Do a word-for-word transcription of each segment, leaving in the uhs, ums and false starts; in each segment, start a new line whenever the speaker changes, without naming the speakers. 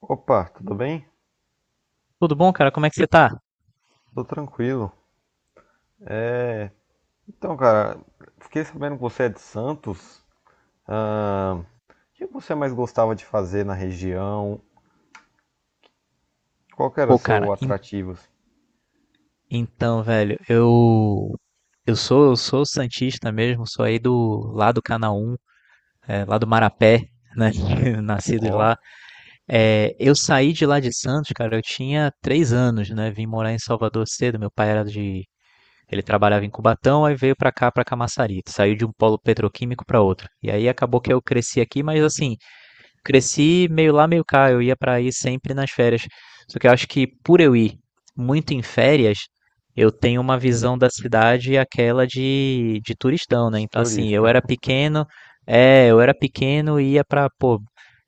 Opa, tudo bem?
Tudo bom, cara? Como é que você tá?
Tô tranquilo. Então, cara, fiquei sabendo que você é de Santos. Ahn, o que você mais gostava de fazer na região? Qual que era
Pô,
seu
cara, en-
atrativo, assim?
então, velho, eu eu sou eu sou santista mesmo, sou aí do lá do Canaã, é, lá do Marapé, né? Nascido
Ó,
lá. É, eu saí de lá de Santos, cara, eu tinha três anos, né? Vim morar em Salvador cedo. Meu pai era de Ele trabalhava em Cubatão, aí veio pra cá, pra Camaçari. Saiu de um polo petroquímico pra outro. E aí acabou que eu cresci aqui, mas assim, cresci meio lá, meio cá. Eu ia para aí sempre nas férias. Só que eu acho que por eu ir muito em férias, eu tenho uma visão da cidade aquela de, de turistão,
de
né? Então, assim, eu
turista.
era pequeno, é, eu era pequeno e ia pra, pô,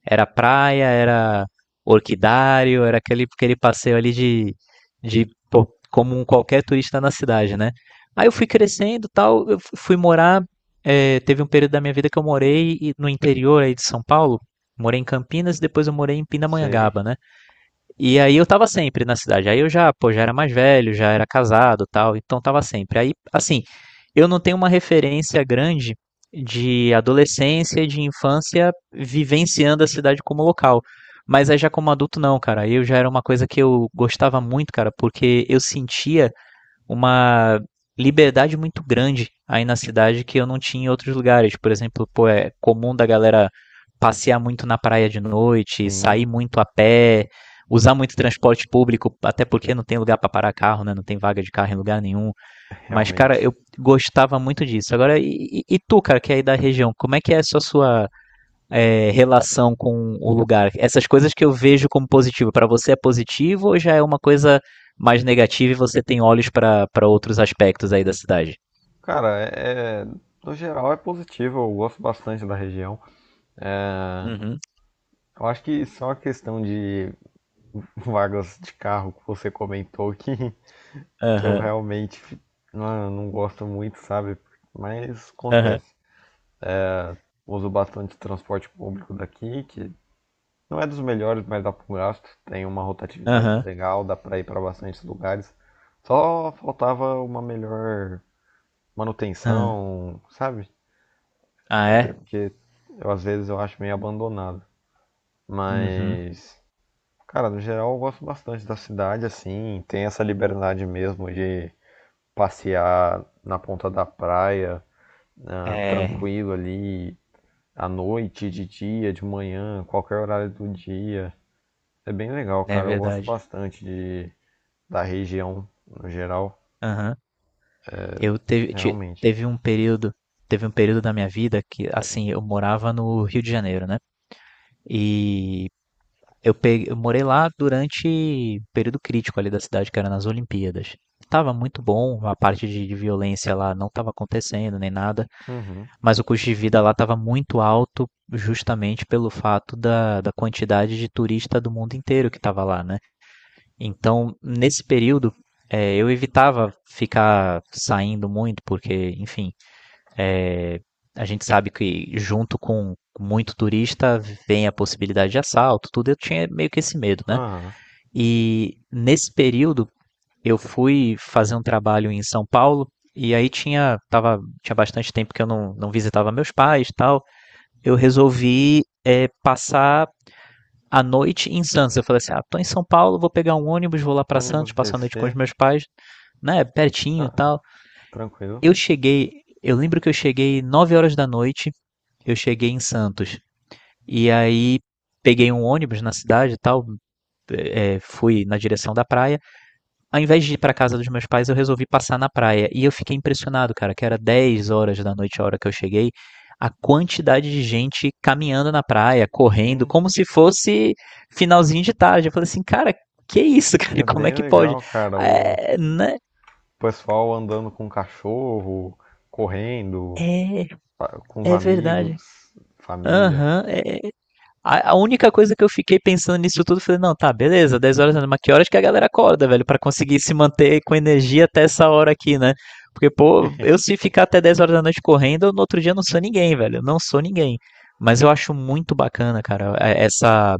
era praia, era orquidário, era aquele, aquele passeio ali de, de, pô, como um qualquer turista na cidade, né? Aí eu fui crescendo e tal, eu fu- fui morar, é, teve um período da minha vida que eu morei e- no interior aí de São Paulo, morei em Campinas e depois eu morei em
Sei,
Pindamonhangaba, né? E aí eu tava sempre na cidade. Aí eu já, pô, já era mais velho, já era casado, tal, então tava sempre. Aí, assim, eu não tenho uma referência grande de adolescência e de infância vivenciando a cidade como local. Mas aí já como adulto não, cara. Eu já era uma coisa que eu gostava muito, cara, porque eu sentia uma liberdade muito grande aí na cidade que eu não tinha em outros lugares. Por exemplo, pô, é comum da galera passear muito na praia de noite, sair
sim,
muito a pé, usar muito transporte público, até porque não tem lugar para parar carro, né? Não tem vaga de carro em lugar nenhum. Mas, cara, eu
realmente.
gostava muito disso. Agora, e, e tu, cara, que é aí da região, como é que é a sua, sua é, relação com o lugar? Essas coisas que eu vejo como positivo, para você é positivo ou já é uma coisa mais negativa e você tem olhos para para outros aspectos aí da cidade?
Cara, é, é, no geral é positivo, eu gosto bastante da região.
Uhum.
Eu acho que só a questão de vagas de carro que você comentou, que, que eu
Aham.
realmente não, não gosto muito, sabe? Mas
Aham.
acontece. Uso bastante transporte público daqui, que não é dos melhores, mas dá para um gasto. Tem uma rotatividade
Aham.
legal, dá para ir para bastantes lugares. Só faltava uma melhor
aham.
manutenção, sabe?
Ah, é?
Porque eu, às vezes eu acho meio abandonado.
Uhum.
Mas, cara, no geral eu gosto bastante da cidade, assim. Tem essa liberdade mesmo de passear na ponta da praia, ah,
É,
tranquilo ali, à noite, de dia, de manhã, qualquer horário do dia. É bem legal,
é
cara. Eu gosto
verdade.
bastante de, da região no geral,
Aham. Eu teve, te-
realmente.
teve um período, Teve um período da minha vida que, assim, eu morava no Rio de Janeiro, né? E Eu, peguei, eu morei lá durante o período crítico ali da cidade, que era nas Olimpíadas. Tava muito bom, a parte de, de violência lá não estava acontecendo nem nada,
Uhum.
mas o custo de vida lá estava muito alto, justamente pelo fato da, da quantidade de turista do mundo inteiro que estava lá, né? Então, nesse período, é, eu evitava ficar saindo muito, porque, enfim, é, a gente sabe que junto com muito turista vem a possibilidade de assalto, tudo. Eu tinha meio que esse medo, né?
Aham.
E nesse período eu fui fazer um trabalho em São Paulo e aí tinha, tava, tinha bastante tempo que eu não, não visitava meus pais e tal. Eu resolvi passar a noite em Santos. Eu falei assim: ah, tô em São Paulo, vou pegar um ônibus, vou lá para Santos,
Ônibus
passar a noite com os
D C.
meus pais, né? Pertinho e
Ah,
tal.
tranquilo.
Eu cheguei, eu lembro que eu cheguei nove horas da noite, eu cheguei em Santos. E aí peguei um ônibus na cidade e tal, é, fui na direção da praia. Ao invés de ir pra casa dos meus pais, eu resolvi passar na praia. E eu fiquei impressionado, cara, que era dez horas da noite, a hora que eu cheguei, a quantidade de gente caminhando na praia, correndo,
Sim.
como se fosse finalzinho de tarde. Eu falei assim, cara, que isso, cara?
É
Como é
bem
que pode?
legal, cara. O
É, né?
pessoal andando com cachorro, correndo,
É,
ah, com os
é verdade.
amigos, família.
Aham, é, A, a única coisa que eu fiquei pensando nisso tudo, eu falei, não, tá, beleza, dez horas, mas que horas que a galera acorda, velho, pra conseguir se manter com energia até essa hora aqui, né? Porque, pô, eu se ficar até dez horas da noite correndo, eu, no outro dia eu não sou ninguém, velho, eu não sou ninguém. Mas eu acho muito bacana, cara, é- essa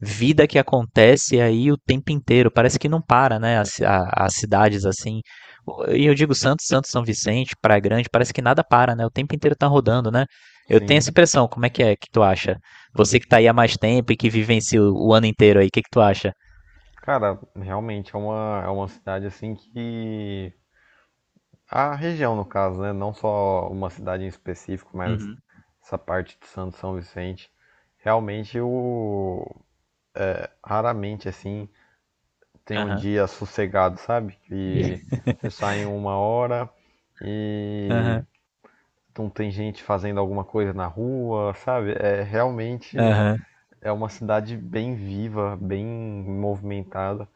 vida que acontece aí o tempo inteiro. Parece que não para, né? As, a- as cidades assim. E eu digo Santos, Santos, São Vicente, Praia Grande, parece que nada para, né? O tempo inteiro tá rodando, né? Eu tenho
Sim.
essa impressão. Como é que é? Que tu acha? Você que tá aí há mais tempo e que vivencia o, o ano inteiro aí, o que que tu acha?
Cara, realmente é uma, é uma cidade assim que. A região, no caso, né? Não só uma cidade em específico, mas
Uhum.
essa parte de Santo São Vicente. Realmente eu raramente assim tem um
Aham.
dia sossegado, sabe? Que você sai uma hora e
Aham.
não tem gente fazendo alguma coisa na rua, sabe? É realmente
Aham.
é uma cidade bem viva, bem movimentada,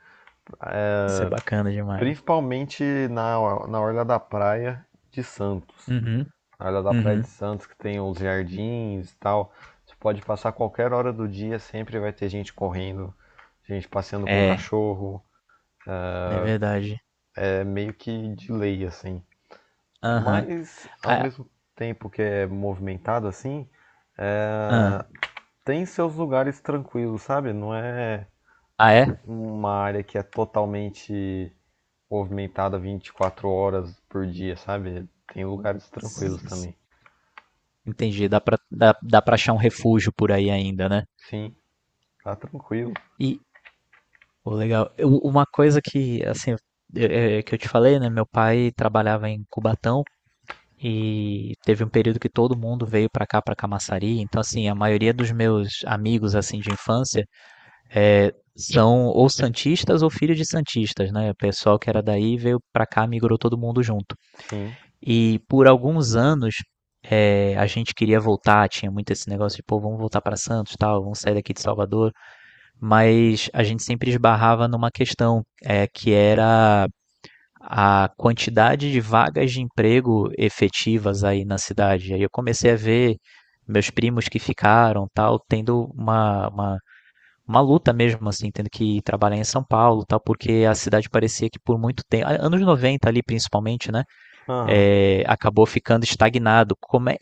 Isso é bacana demais.
principalmente na, na orla da praia de Santos.
Uhum.
Na hora da Praia de
Uhum.
Santos, que tem os jardins e tal. Você pode passar qualquer hora do dia, sempre vai ter gente correndo, gente passeando com o
É,
cachorro.
é verdade.
É meio que de lei, assim.
Aham.
Mas, ao
Ah,
mesmo tempo que é movimentado assim,
ah,
tem seus lugares tranquilos, sabe? Não é
ah,
uma área que é totalmente movimentada vinte e quatro horas por dia, sabe? Tem lugares tranquilos
é?
também.
Entendi, dá pra, dá, dá pra achar um refúgio por aí ainda, né?
Sim, tá tranquilo.
E, pô, legal. Eu- uma coisa que, assim, eu- é, é que eu te falei, né? Meu pai trabalhava em Cubatão e teve um período que todo mundo veio pra cá, pra Camaçari. Então, assim, a maioria dos meus amigos, assim, de infância, é, são ou santistas ou filhos de santistas, né? O pessoal que era daí veio pra cá, migrou todo mundo junto.
Sim.
E por alguns anos eh, a gente queria voltar, tinha muito esse negócio de, pô, vamos voltar para Santos, tal, vamos sair daqui de Salvador, mas a gente sempre esbarrava numa questão eh, que era a quantidade de vagas de emprego efetivas aí na cidade. Aí eu comecei a ver meus primos que ficaram, tal, tendo uma, uma, uma luta mesmo, assim, tendo que trabalhar em São Paulo, tal, porque a cidade parecia que por muito tempo, anos noventa ali principalmente, né?
Aham.
é, acabou ficando estagnado. Como é,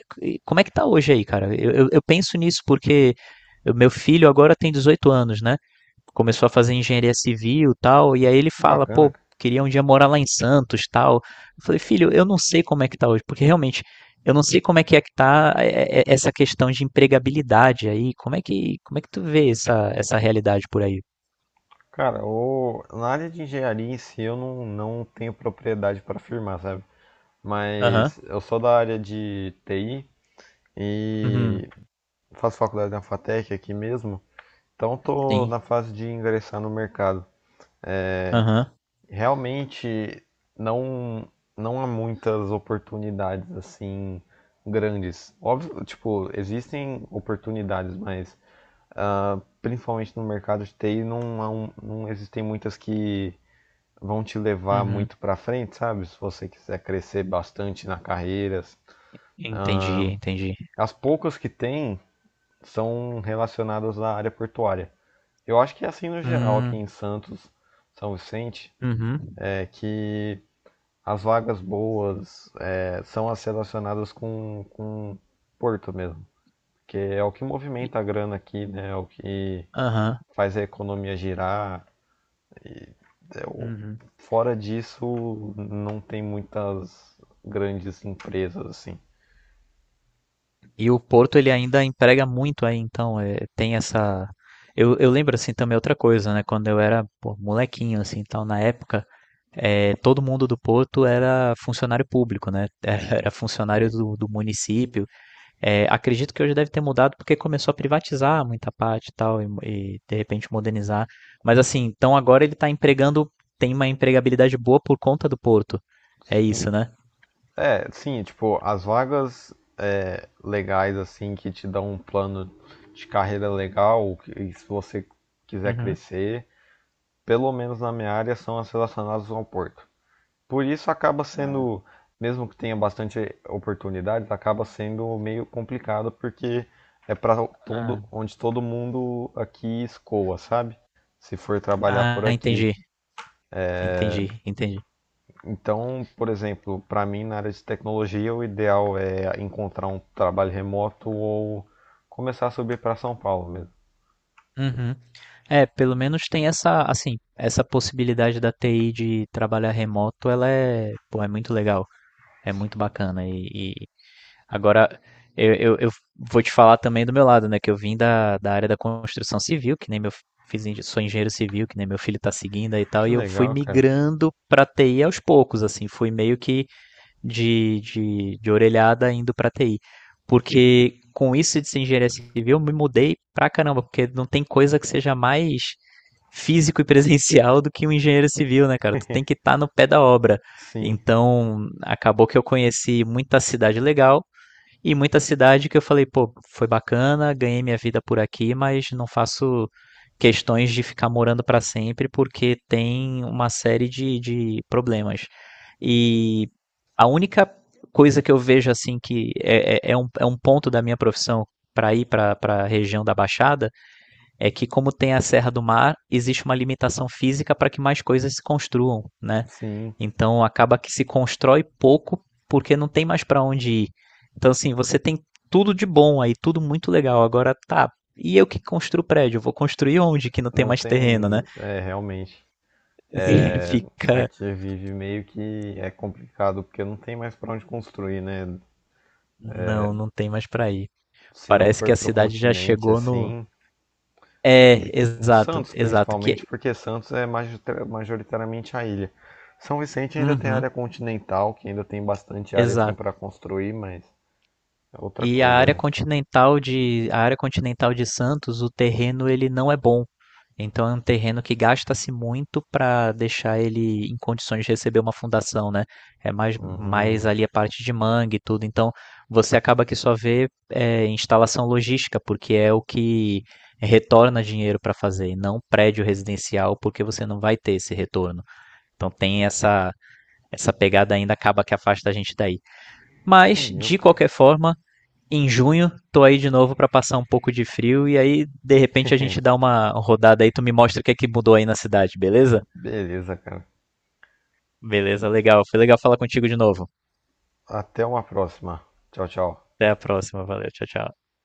Como é que tá hoje aí, cara? Eu, eu, eu penso nisso porque o meu filho agora tem dezoito anos, né? Começou a fazer engenharia civil e tal, e aí ele
Que
fala,
bacana,
pô,
cara.
queria um dia morar lá em Santos tal. Eu falei, filho, eu não sei como é que tá hoje, porque realmente eu não sei como é que é que tá é, é, é, essa questão de empregabilidade aí. Como é que, como é que tu vê essa, essa realidade por aí?
Cara, o... na área de engenharia em si eu não, não tenho propriedade para afirmar, sabe?
Aham.
Mas eu sou da área de T I
Uhum.
e faço faculdade na FATEC aqui mesmo, então tô
Sim.
na fase de ingressar no mercado.
Aham.
Realmente não, não há muitas oportunidades assim grandes. Óbvio, tipo, existem oportunidades, mas ah, principalmente no mercado de T I não, há um- não existem muitas que vão te levar
Uhum.
muito para frente, sabe? Se você quiser crescer bastante na carreira.
Entendi,
Ah,
entendi.
as poucas que tem são relacionadas à área portuária. Eu acho que é assim no geral aqui
Hum.
em Santos, São Vicente,
Uhum.
é que as vagas boas é, são as relacionadas com, com Porto mesmo. Que é o que
E-
movimenta a grana aqui, né? É o que
Aham.
faz a economia girar, é.
Uhum.
Fora disso, não tem muitas grandes empresas assim.
E o Porto ele ainda emprega muito aí, então é, tem essa. Eu, eu lembro assim também outra coisa, né? Quando eu era pô, molequinho assim, então na época é, todo mundo do Porto era funcionário público, né? Era funcionário
E,
do, do município. É, acredito que hoje deve ter mudado porque começou a privatizar muita parte e tal e, e, de repente modernizar. Mas assim, então agora ele está empregando, tem uma empregabilidade boa por conta do Porto. É
sim,
isso, né?
é, sim, tipo, as vagas é, legais assim que te dão um plano de carreira legal, e se você quiser
Uhum.
crescer, pelo menos na minha área são as relacionadas ao porto. Por isso acaba sendo, mesmo que tenha bastante oportunidades, acaba sendo meio complicado porque é para
Ah,
todo, onde todo mundo aqui escoa, sabe? Se for trabalhar por
ah,
aqui.
entendi, entendi, entendi.
Então, por exemplo, para mim na área de tecnologia, o ideal é encontrar um trabalho remoto ou começar a subir para São Paulo mesmo.
Uhum. É, pelo menos tem essa, assim, essa possibilidade da T I de trabalhar remoto, ela é, pô, é muito legal, é muito bacana. E, e agora eu, eu, eu vou te falar também do meu lado, né, que eu vim da, da área da construção civil, que nem meu fiz, engen- sou engenheiro civil, que nem meu filho tá seguindo aí e tal,
Que
e eu fui
legal, cara.
migrando pra T I aos poucos, assim, fui meio que de, de, de orelhada indo para T I. Porque com isso de ser engenharia civil, eu me mudei pra caramba, porque não tem coisa que seja mais físico e presencial do que um engenheiro civil, né, cara? Tu tem que estar no pé da obra.
Sim,
Então, acabou que eu conheci muita cidade legal, e muita cidade que eu falei, pô, foi bacana, ganhei minha vida por aqui, mas não faço questões de ficar morando para sempre porque tem uma série de, de problemas. E a única coisa que eu vejo assim que é, é- é um, é um ponto da minha profissão para ir para a região da Baixada é que como tem a Serra do Mar, existe uma limitação física para que mais coisas se construam, né?
sim.
Então acaba que se constrói pouco porque não tem mais para onde ir. Então assim, você tem tudo de bom aí, tudo muito legal. Agora tá, e eu que construo prédio, eu vou construir onde que não tem
Não
mais terreno, né?
tem, é, realmente.
Assim,
A
fica,
vive meio que é complicado, porque não tem mais para onde construir, né?
não, não tem mais para ir.
Se não
Parece
for
que a
pro
cidade já
continente,
chegou no.
assim.
É,
Em
exato,
Santos,
exato
principalmente,
que.
porque Santos é majorita- majoritariamente a ilha. São Vicente ainda tem
Uhum,
área continental, que ainda tem bastante área, assim,
exato.
para construir, mas é outra
E a
coisa,
área
né?
continental de, a área continental de Santos, o terreno ele não é bom. Então é um terreno que gasta-se muito para deixar ele em condições de receber uma fundação, né? É mais, mais
Uhum.
ali a parte de mangue e tudo. Então você acaba que só vê é, instalação logística, porque é o que retorna dinheiro para fazer, e não prédio residencial, porque você não vai ter esse retorno. Então tem essa, essa, pegada ainda, acaba que afasta a gente daí. Mas,
Entendeu,
de
cara?
qualquer forma, em junho, tô aí de novo pra passar um pouco de frio e aí de repente a gente dá uma rodada aí, tu me mostra o que é que mudou aí na cidade, beleza?
Beleza, cara.
Beleza, legal. Foi legal falar contigo de novo.
Até uma próxima. Tchau, tchau.
Até a próxima, valeu, tchau, tchau.